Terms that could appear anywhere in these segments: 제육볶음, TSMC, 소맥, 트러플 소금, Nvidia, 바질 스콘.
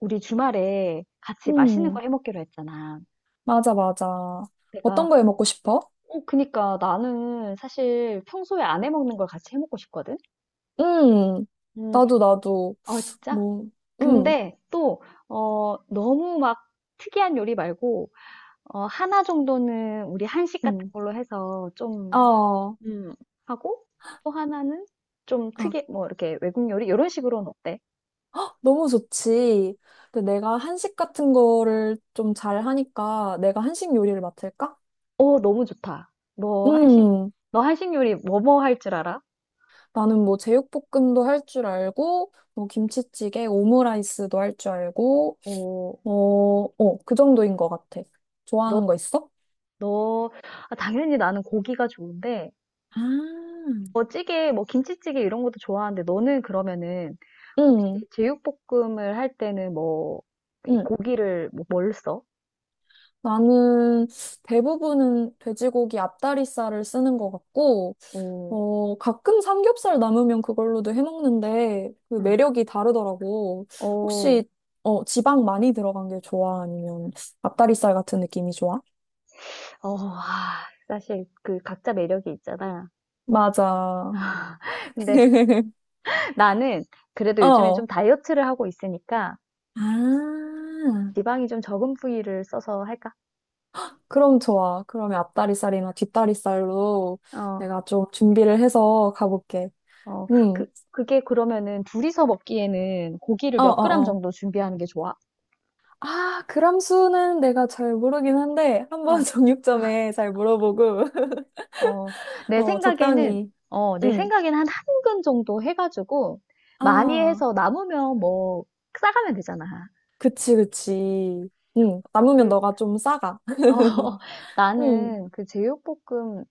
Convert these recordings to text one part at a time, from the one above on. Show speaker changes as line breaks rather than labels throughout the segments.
우리 주말에 같이 맛있는 거
음,
해 먹기로 했잖아.
맞아, 맞아.
내가,
어떤 거 해 먹고 싶어?
그니까 나는 사실 평소에 안 해 먹는 걸 같이 해 먹고 싶거든?
음,
음.
나도, 나도,
어, 진짜?
뭐, 음,
근데 또, 너무 막 특이한 요리 말고, 하나 정도는 우리 한식 같은
음,
걸로 해서 좀,
아,
음, 하고, 또 하나는 좀
아,
뭐, 이렇게 외국 요리? 이런 식으로는 어때?
너무 좋지. 근데 내가 한식 같은 거를 좀 잘 하니까 내가 한식 요리를 맡을까?
너무 좋다. 너 한식,
음,
너 한식 요리 뭐뭐 할 줄 알아?
나는 뭐 제육볶음도 할 줄 알고, 뭐 김치찌개, 오므라이스도 할 줄 알고,
어,
어, 어, 그 정도인 것 같아.
너
좋아하는 거 있어?
너, 아, 당연히 나는 고기가 좋은데,
아,
뭐 찌개, 뭐 김치찌개 이런 것도 좋아하는데, 너는 그러면은, 혹시
응,
제육볶음을 할 때는 뭐, 이
응.
고기를 뭐, 뭘 써?
나는 대부분은 돼지고기 앞다리살을 쓰는 것 같고,
어,
어, 가끔 삼겹살 남으면 그걸로도 해먹는데, 그
응.
매력이 다르더라고.
어,
혹시, 어, 지방 많이 들어간 게 좋아? 아니면 앞다리살 같은 느낌이 좋아?
어, 아, 사실 그 각자 매력이 있잖아.
맞아.
근데 나는 그래도 요즘에 좀
어.
다이어트를 하고 있으니까,
아,
지방이 좀 적은 부위를 써서 할까?
그럼 좋아. 그러면 앞다리살이나 뒷다리살로
어,
내가 좀 준비를 해서 가볼게.
어,
응.
그게 그러면은 둘이서 먹기에는 고기를 몇 그램
어어어.
정도 준비하는 게 좋아?
아, 그람 수는 내가 잘 모르긴 한데, 한번
어.
정육점에 잘 물어보고,
어, 내
어,
생각에는,
적당히.
내
응.
생각에는 한 한근 정도 해가지고, 많이
아,
해서 남으면 뭐, 싸가면 되잖아.
그치, 그치. 응. 남으면
그,
너가 좀 싸가.
어,
응.
나는 그 제육볶음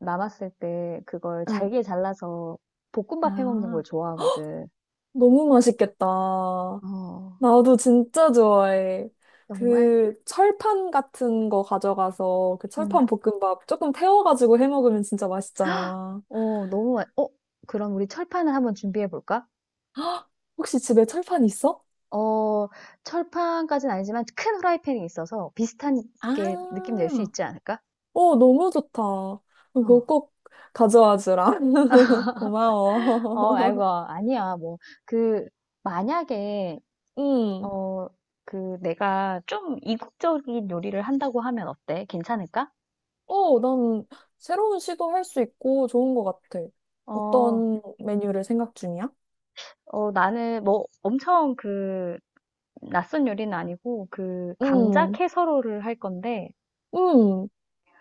남았을 때 그걸
응.
잘게 잘라서 볶음밥 해 먹는
아,
걸 좋아하거든.
너무 맛있겠다.
어,
나도 진짜 좋아해.
정말?
그 철판 같은 거 가져가서 그
음,
철판 볶음밥 조금 태워가지고 해 먹으면 진짜 맛있잖아.
어, 너무, 맛- 어, 그럼 우리 철판을 한번 준비해 볼까?
혹시 집에 철판 있어?
어, 철판까지는 아니지만 큰 후라이팬이 있어서 비슷한
아,
게 느낌 낼 수 있지 않을까?
어, 너무 좋다. 그거
어.
꼭 가져와 주라.
아이고,
고마워.
아니야. 그, 만약에,
응.
어, 내가 좀 이국적인 요리를 한다고 하면 어때? 괜찮을까?
어, 난 새로운 시도 할 수 있고 좋은 것 같아.
어,
어떤 메뉴를 생각 중이야?
어, 나는 뭐, 엄청 낯선 요리는 아니고, 그, 감자
응.
캐서롤을 할 건데,
응.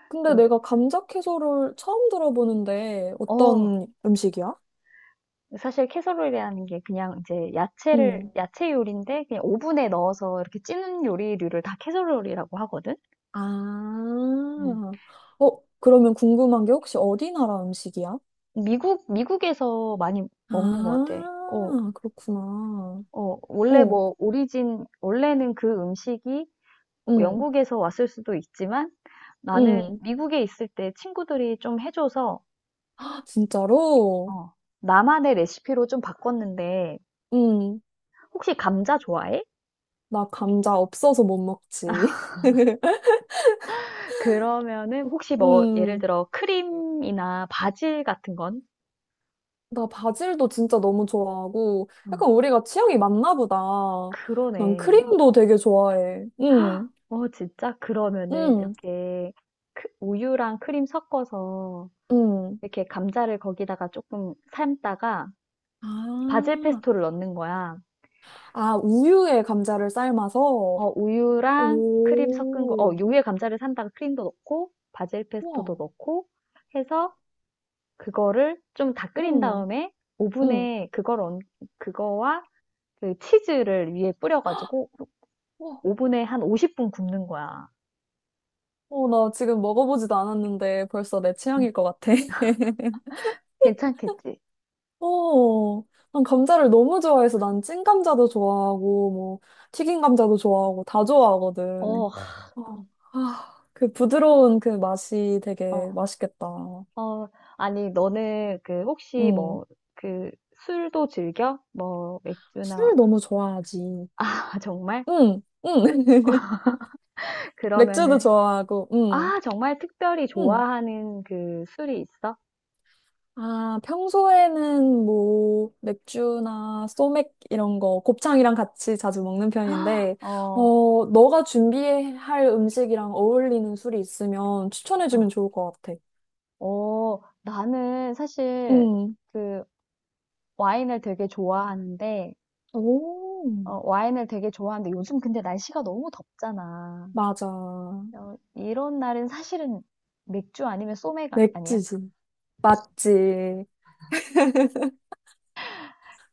근데
그,
내가 감자 채소를 처음 들어보는데
어,
어떤 음식이야?
사실 캐서롤이라는 게 그냥 이제
응.
야채 요리인데, 그냥 오븐에 넣어서 이렇게 찌는 요리류를 다 캐서롤이라고 하거든? 음.
아. 어, 그러면 궁금한 게 혹시 어디 나라 음식이야?
미국에서 많이 먹는 것 같아. 어,
아, 그렇구나.
어, 원래
어,
뭐, 오리진, 원래는 그 음식이
응.
영국에서 왔을 수도 있지만 나는
응.
미국에 있을 때 친구들이 좀 해줘서,
진짜로?
어, 나만의 레시피로 좀 바꿨는데,
음,
혹시 감자 좋아해?
나 감자 없어서 못 먹지.
그러면은 혹시 뭐, 예를
음,
들어 크림이나 바질 같은 건?
나 바질도 진짜 너무 좋아하고,
어,
약간 우리가 취향이 맞나 보다. 난
그러네.
크림도 되게 좋아해.
진짜? 그러면은
음,
이렇게 우유랑 크림 섞어서
음.
이렇게 감자를 거기다가 조금 삶다가 바질
아,
페스토를 넣는 거야.
아, 우유에 감자를 삶아서?
우유랑 크림 섞은 거,
오,
우유에 감자를 산다가 크림도 넣고, 바질 페스토도
와,
넣고 해서 그거를 좀 다 끓인
음,
다음에
음,
오븐에 그거와 그 치즈를 위에 뿌려가지고
와.
오븐에 한 50분 굽는 거야.
어, 나 지금 먹어보지도 않았는데 벌써 내
음.
취향일 것 같아.
괜찮겠지?
어, 난 감자를 너무 좋아해서 난 찐감자도 좋아하고, 뭐, 튀긴 감자도 좋아하고, 다
어,
좋아하거든.
어.
어, 아, 그 부드러운 그 맛이
어,
되게 맛있겠다.
어, 아니, 너는 그 혹시
응.
뭐, 그 술도 즐겨? 뭐, 맥주나,
술 너무 좋아하지.
아, 정말?
응, 응. 맥주도
그러면은
좋아하고, 응,
정말 특별히
응.
좋아하는 그 술이 있어?
아, 평소에는 뭐 맥주나 소맥 이런 거 곱창이랑 같이 자주 먹는 편인데,
어,
어, 너가 준비할 음식이랑 어울리는 술이 있으면 추천해주면
아,
좋을 것 같아.
나는 사실
응.
그 와인을 되게 좋아하는데,
오,
와인을 되게 좋아하는데 요즘 근데 날씨가 너무 덥잖아.
맞아.
이런 날은 사실은 맥주 아니면 소맥 아, 아니야?
맥주지. 맞지.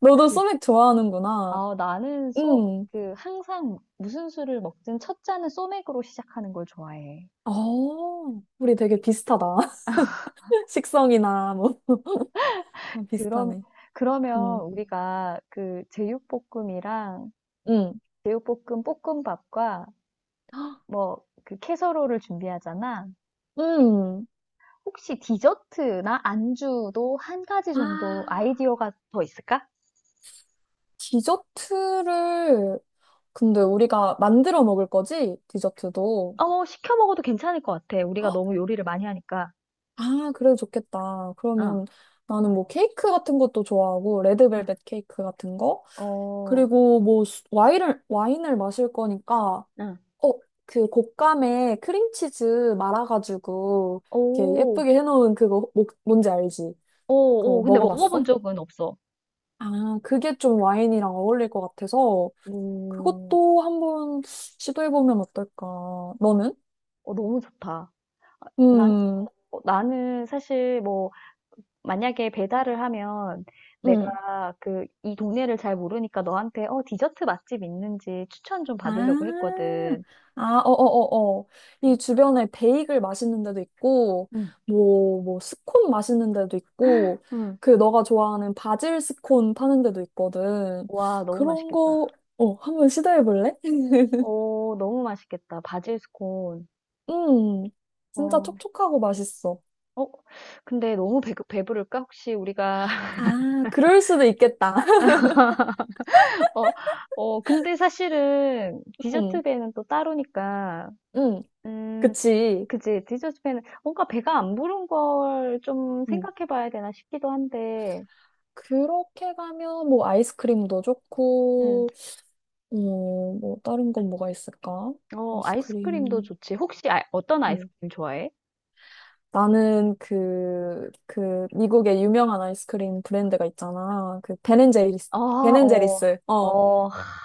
너도
그,
소맥 좋아하는구나.
나는 소,
응.
그 항상 무슨 술을 먹든 첫 잔은 소맥으로 시작하는 걸 좋아해.
어, 우리 되게 비슷하다. 식성이나 뭐 아,
그럼,
비슷하네.
그러면
응.
우리가 그 제육볶음이랑
응.
제육볶음 볶음밥과 뭐 그 캐서롤을 준비하잖아.
응.
혹시 디저트나 안주도 한 가지
아.
정도 아이디어가 더 있을까?
디저트를 근데 우리가 만들어 먹을 거지? 디저트도.
시켜 먹어도 괜찮을 것 같아. 우리가 너무 요리를 많이 하니까.
아, 그래 좋겠다.
어,
그러면 나는 뭐 케이크 같은 것도 좋아하고 레드벨벳 케이크 같은 거
어,
그리고 뭐 와인을 마실 거니까
응.
어, 그 곶감에 크림치즈 말아가지고 이렇게
오,
예쁘게 해놓은 그거 뭔지 알지?
오, 오.
그거
근데
먹어봤어?
먹어본 적은 없어.
아, 그게 좀 와인이랑 어울릴 것 같아서
오,
그것도 한번 시도해보면 어떨까? 너는?
너무 좋다. 난,
음,
나는 사실 뭐 만약에 배달을 하면
음.
내가 그 이 동네를 잘 모르니까 너한테 디저트 맛집 있는지 추천 좀 받으려고
아,
했거든.
아, 어어어어. 이
음.
주변에 베이글 맛있는 데도 있고,
응.
뭐, 뭐, 스콘 맛있는 데도 있고,
응.
그 너가 좋아하는 바질 스콘 파는 데도 있거든.
와, 너무
그런
맛있겠다.
거, 어, 한번 시도해볼래?
너무 맛있겠다. 바질 스콘.
음, 진짜
어.
촉촉하고 맛있어.
어, 근데 너무 배부를까? 혹시
아, 그럴 수도 있겠다.
어, 어, 근데 사실은 디저트
음,
배는 또 따로니까,
음,
음,
그치.
그치. 디저트 배는 뭔가 배가 안 부른 걸 좀 생각해 봐야 되나 싶기도 한데,
그렇게 가면 뭐 아이스크림도
음.
좋고, 어, 뭐 다른 건 뭐가 있을까?
아이스크림도
아이스크림.
좋지. 혹시 어떤
음.
아이스크림 좋아해?
나는 그, 그 미국의 유명한 아이스크림 브랜드가 있잖아. 그 베 n 제리스
아,
베 n 제리
어,
스 어,
어,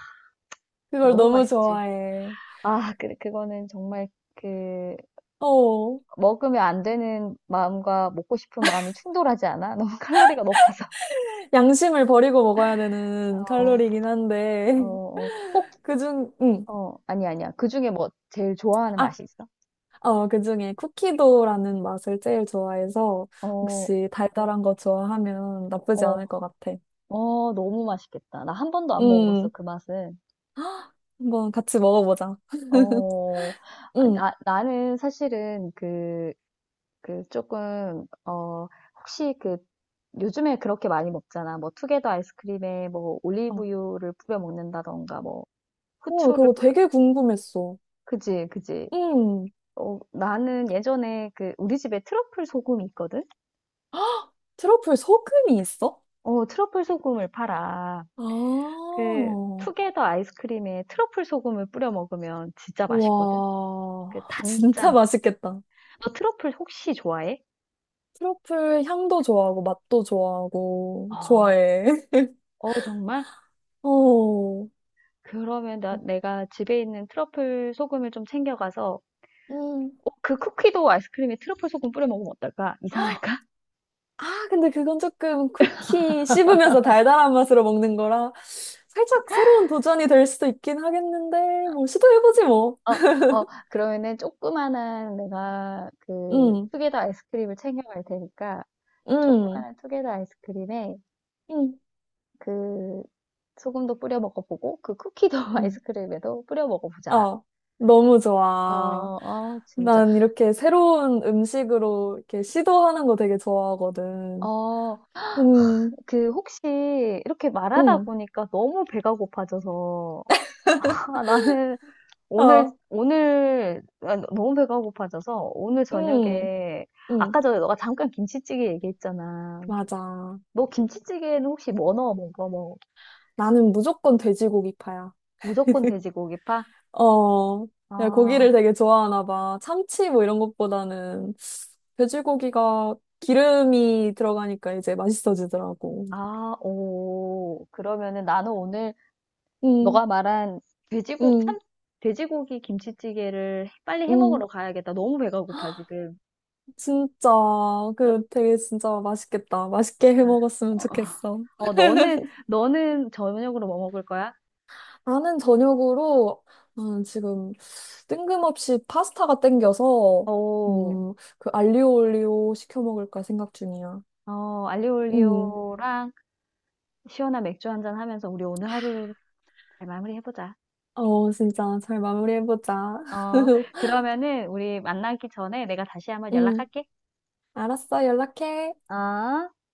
그걸
너무
너무
맛있지.
좋아해.
그거는 정말 그,
어,
먹으면 안 되는 마음과 먹고 싶은 마음이 충돌하지 않아? 너무 칼로리가 높아서.
양심을 버리고 먹어야 되는
어,
칼로리긴
어,
한데
어, 혹,
그중,
아니, 아니야. 그 중에 뭐, 제일 좋아하는 맛이 있어?
어, 그중에 쿠키도라는 맛을 제일 좋아해서
어,
혹시 달달한 거 좋아하면 나쁘지
어,
않을 것 같아.
너무 맛있겠다. 나 한 번도 안 먹어봤어,
음,
그 맛은.
한번 같이 먹어보자.
어,
음,
나는 사실은 그, 그 조금 혹시 그 요즘에 그렇게 많이 먹잖아. 뭐 투게더 아이스크림에 뭐
어.
올리브유를 뿌려 먹는다던가 뭐
와,
후추를
그거
뿌려
되게 궁금했어.
그지 그지.
음,
나는 예전에 그 우리 집에 트러플 소금이 있거든.
트러플 소금이 있어?
트러플 소금을 팔아.
아,
그 투게더 아이스크림에 트러플 소금을 뿌려 먹으면 진짜 맛있거든. 그
와, 진짜
단짠.
맛있겠다.
너 트러플 혹시 좋아해?
트러플 향도 좋아하고 맛도 좋아하고
어,
좋아해.
어 정말?
어,
그러면 내가 집에 있는 트러플 소금을 좀 챙겨가서
음.
그 쿠키도 아이스크림에 트러플 소금 뿌려 먹으면 어떨까? 이상할까?
아, 근데 그건 조금 쿠키 씹으면서 달달한 맛으로 먹는 거라 살짝 새로운 도전이 될 수도 있긴 하겠는데, 뭐, 시도해보지 뭐.
어, 어, 그러면은 조그만한 내가 그
응,
투게더 아이스크림을 챙겨갈 테니까
응,
조그만한 투게더 아이스크림에
응,
그 소금도 뿌려 먹어보고 그 쿠키도
응.
아이스크림에도 뿌려 먹어보자.
어, 너무
어,
좋아.
어, 진짜.
난 이렇게 새로운 음식으로 이렇게 시도하는 거 되게 좋아하거든.
어,
음,
그 혹시 이렇게 말하다
응,
보니까 너무 배가 고파져서 나는
어,
너무 배가 고파져서 오늘
응,
저녁에,
응,
아까 전에 너가 잠깐 김치찌개 얘기했잖아.
맞아.
너 김치찌개에는 혹시 뭐 넣어 먹어? 뭐,
나는 무조건 돼지고기파야.
무조건 돼지고기파?
어, 야, 고기를
아,
되게 좋아하나 봐. 참치 뭐 이런 것보다는 돼지고기가 기름이 들어가니까 이제 맛있어지더라고.
아, 오. 그러면은 나는 오늘
응,
너가 말한 돼지고,
응,
참, 돼지고기 김치찌개를 빨리 해
응.
먹으러 가야겠다. 너무 배가 고파, 지금.
진짜,
나-
그 되게 진짜 맛있겠다. 맛있게 해
아,
먹었으면
어,
좋겠어.
어, 너는, 너는 저녁으로 뭐 먹을 거야?
나는 저녁으로 지금 뜬금없이 파스타가 땡겨서
오,
그 알리오 올리오 시켜 먹을까 생각 중이야.
알리오
음.
올리오랑 시원한 맥주 한잔 하면서 우리 오늘 하루 잘 마무리해 보자.
어, 진짜 잘 마무리해보자.
어, 그러면은 우리 만나기 전에 내가 다시 한번
음.
연락할게.
알았어, 연락해.
어?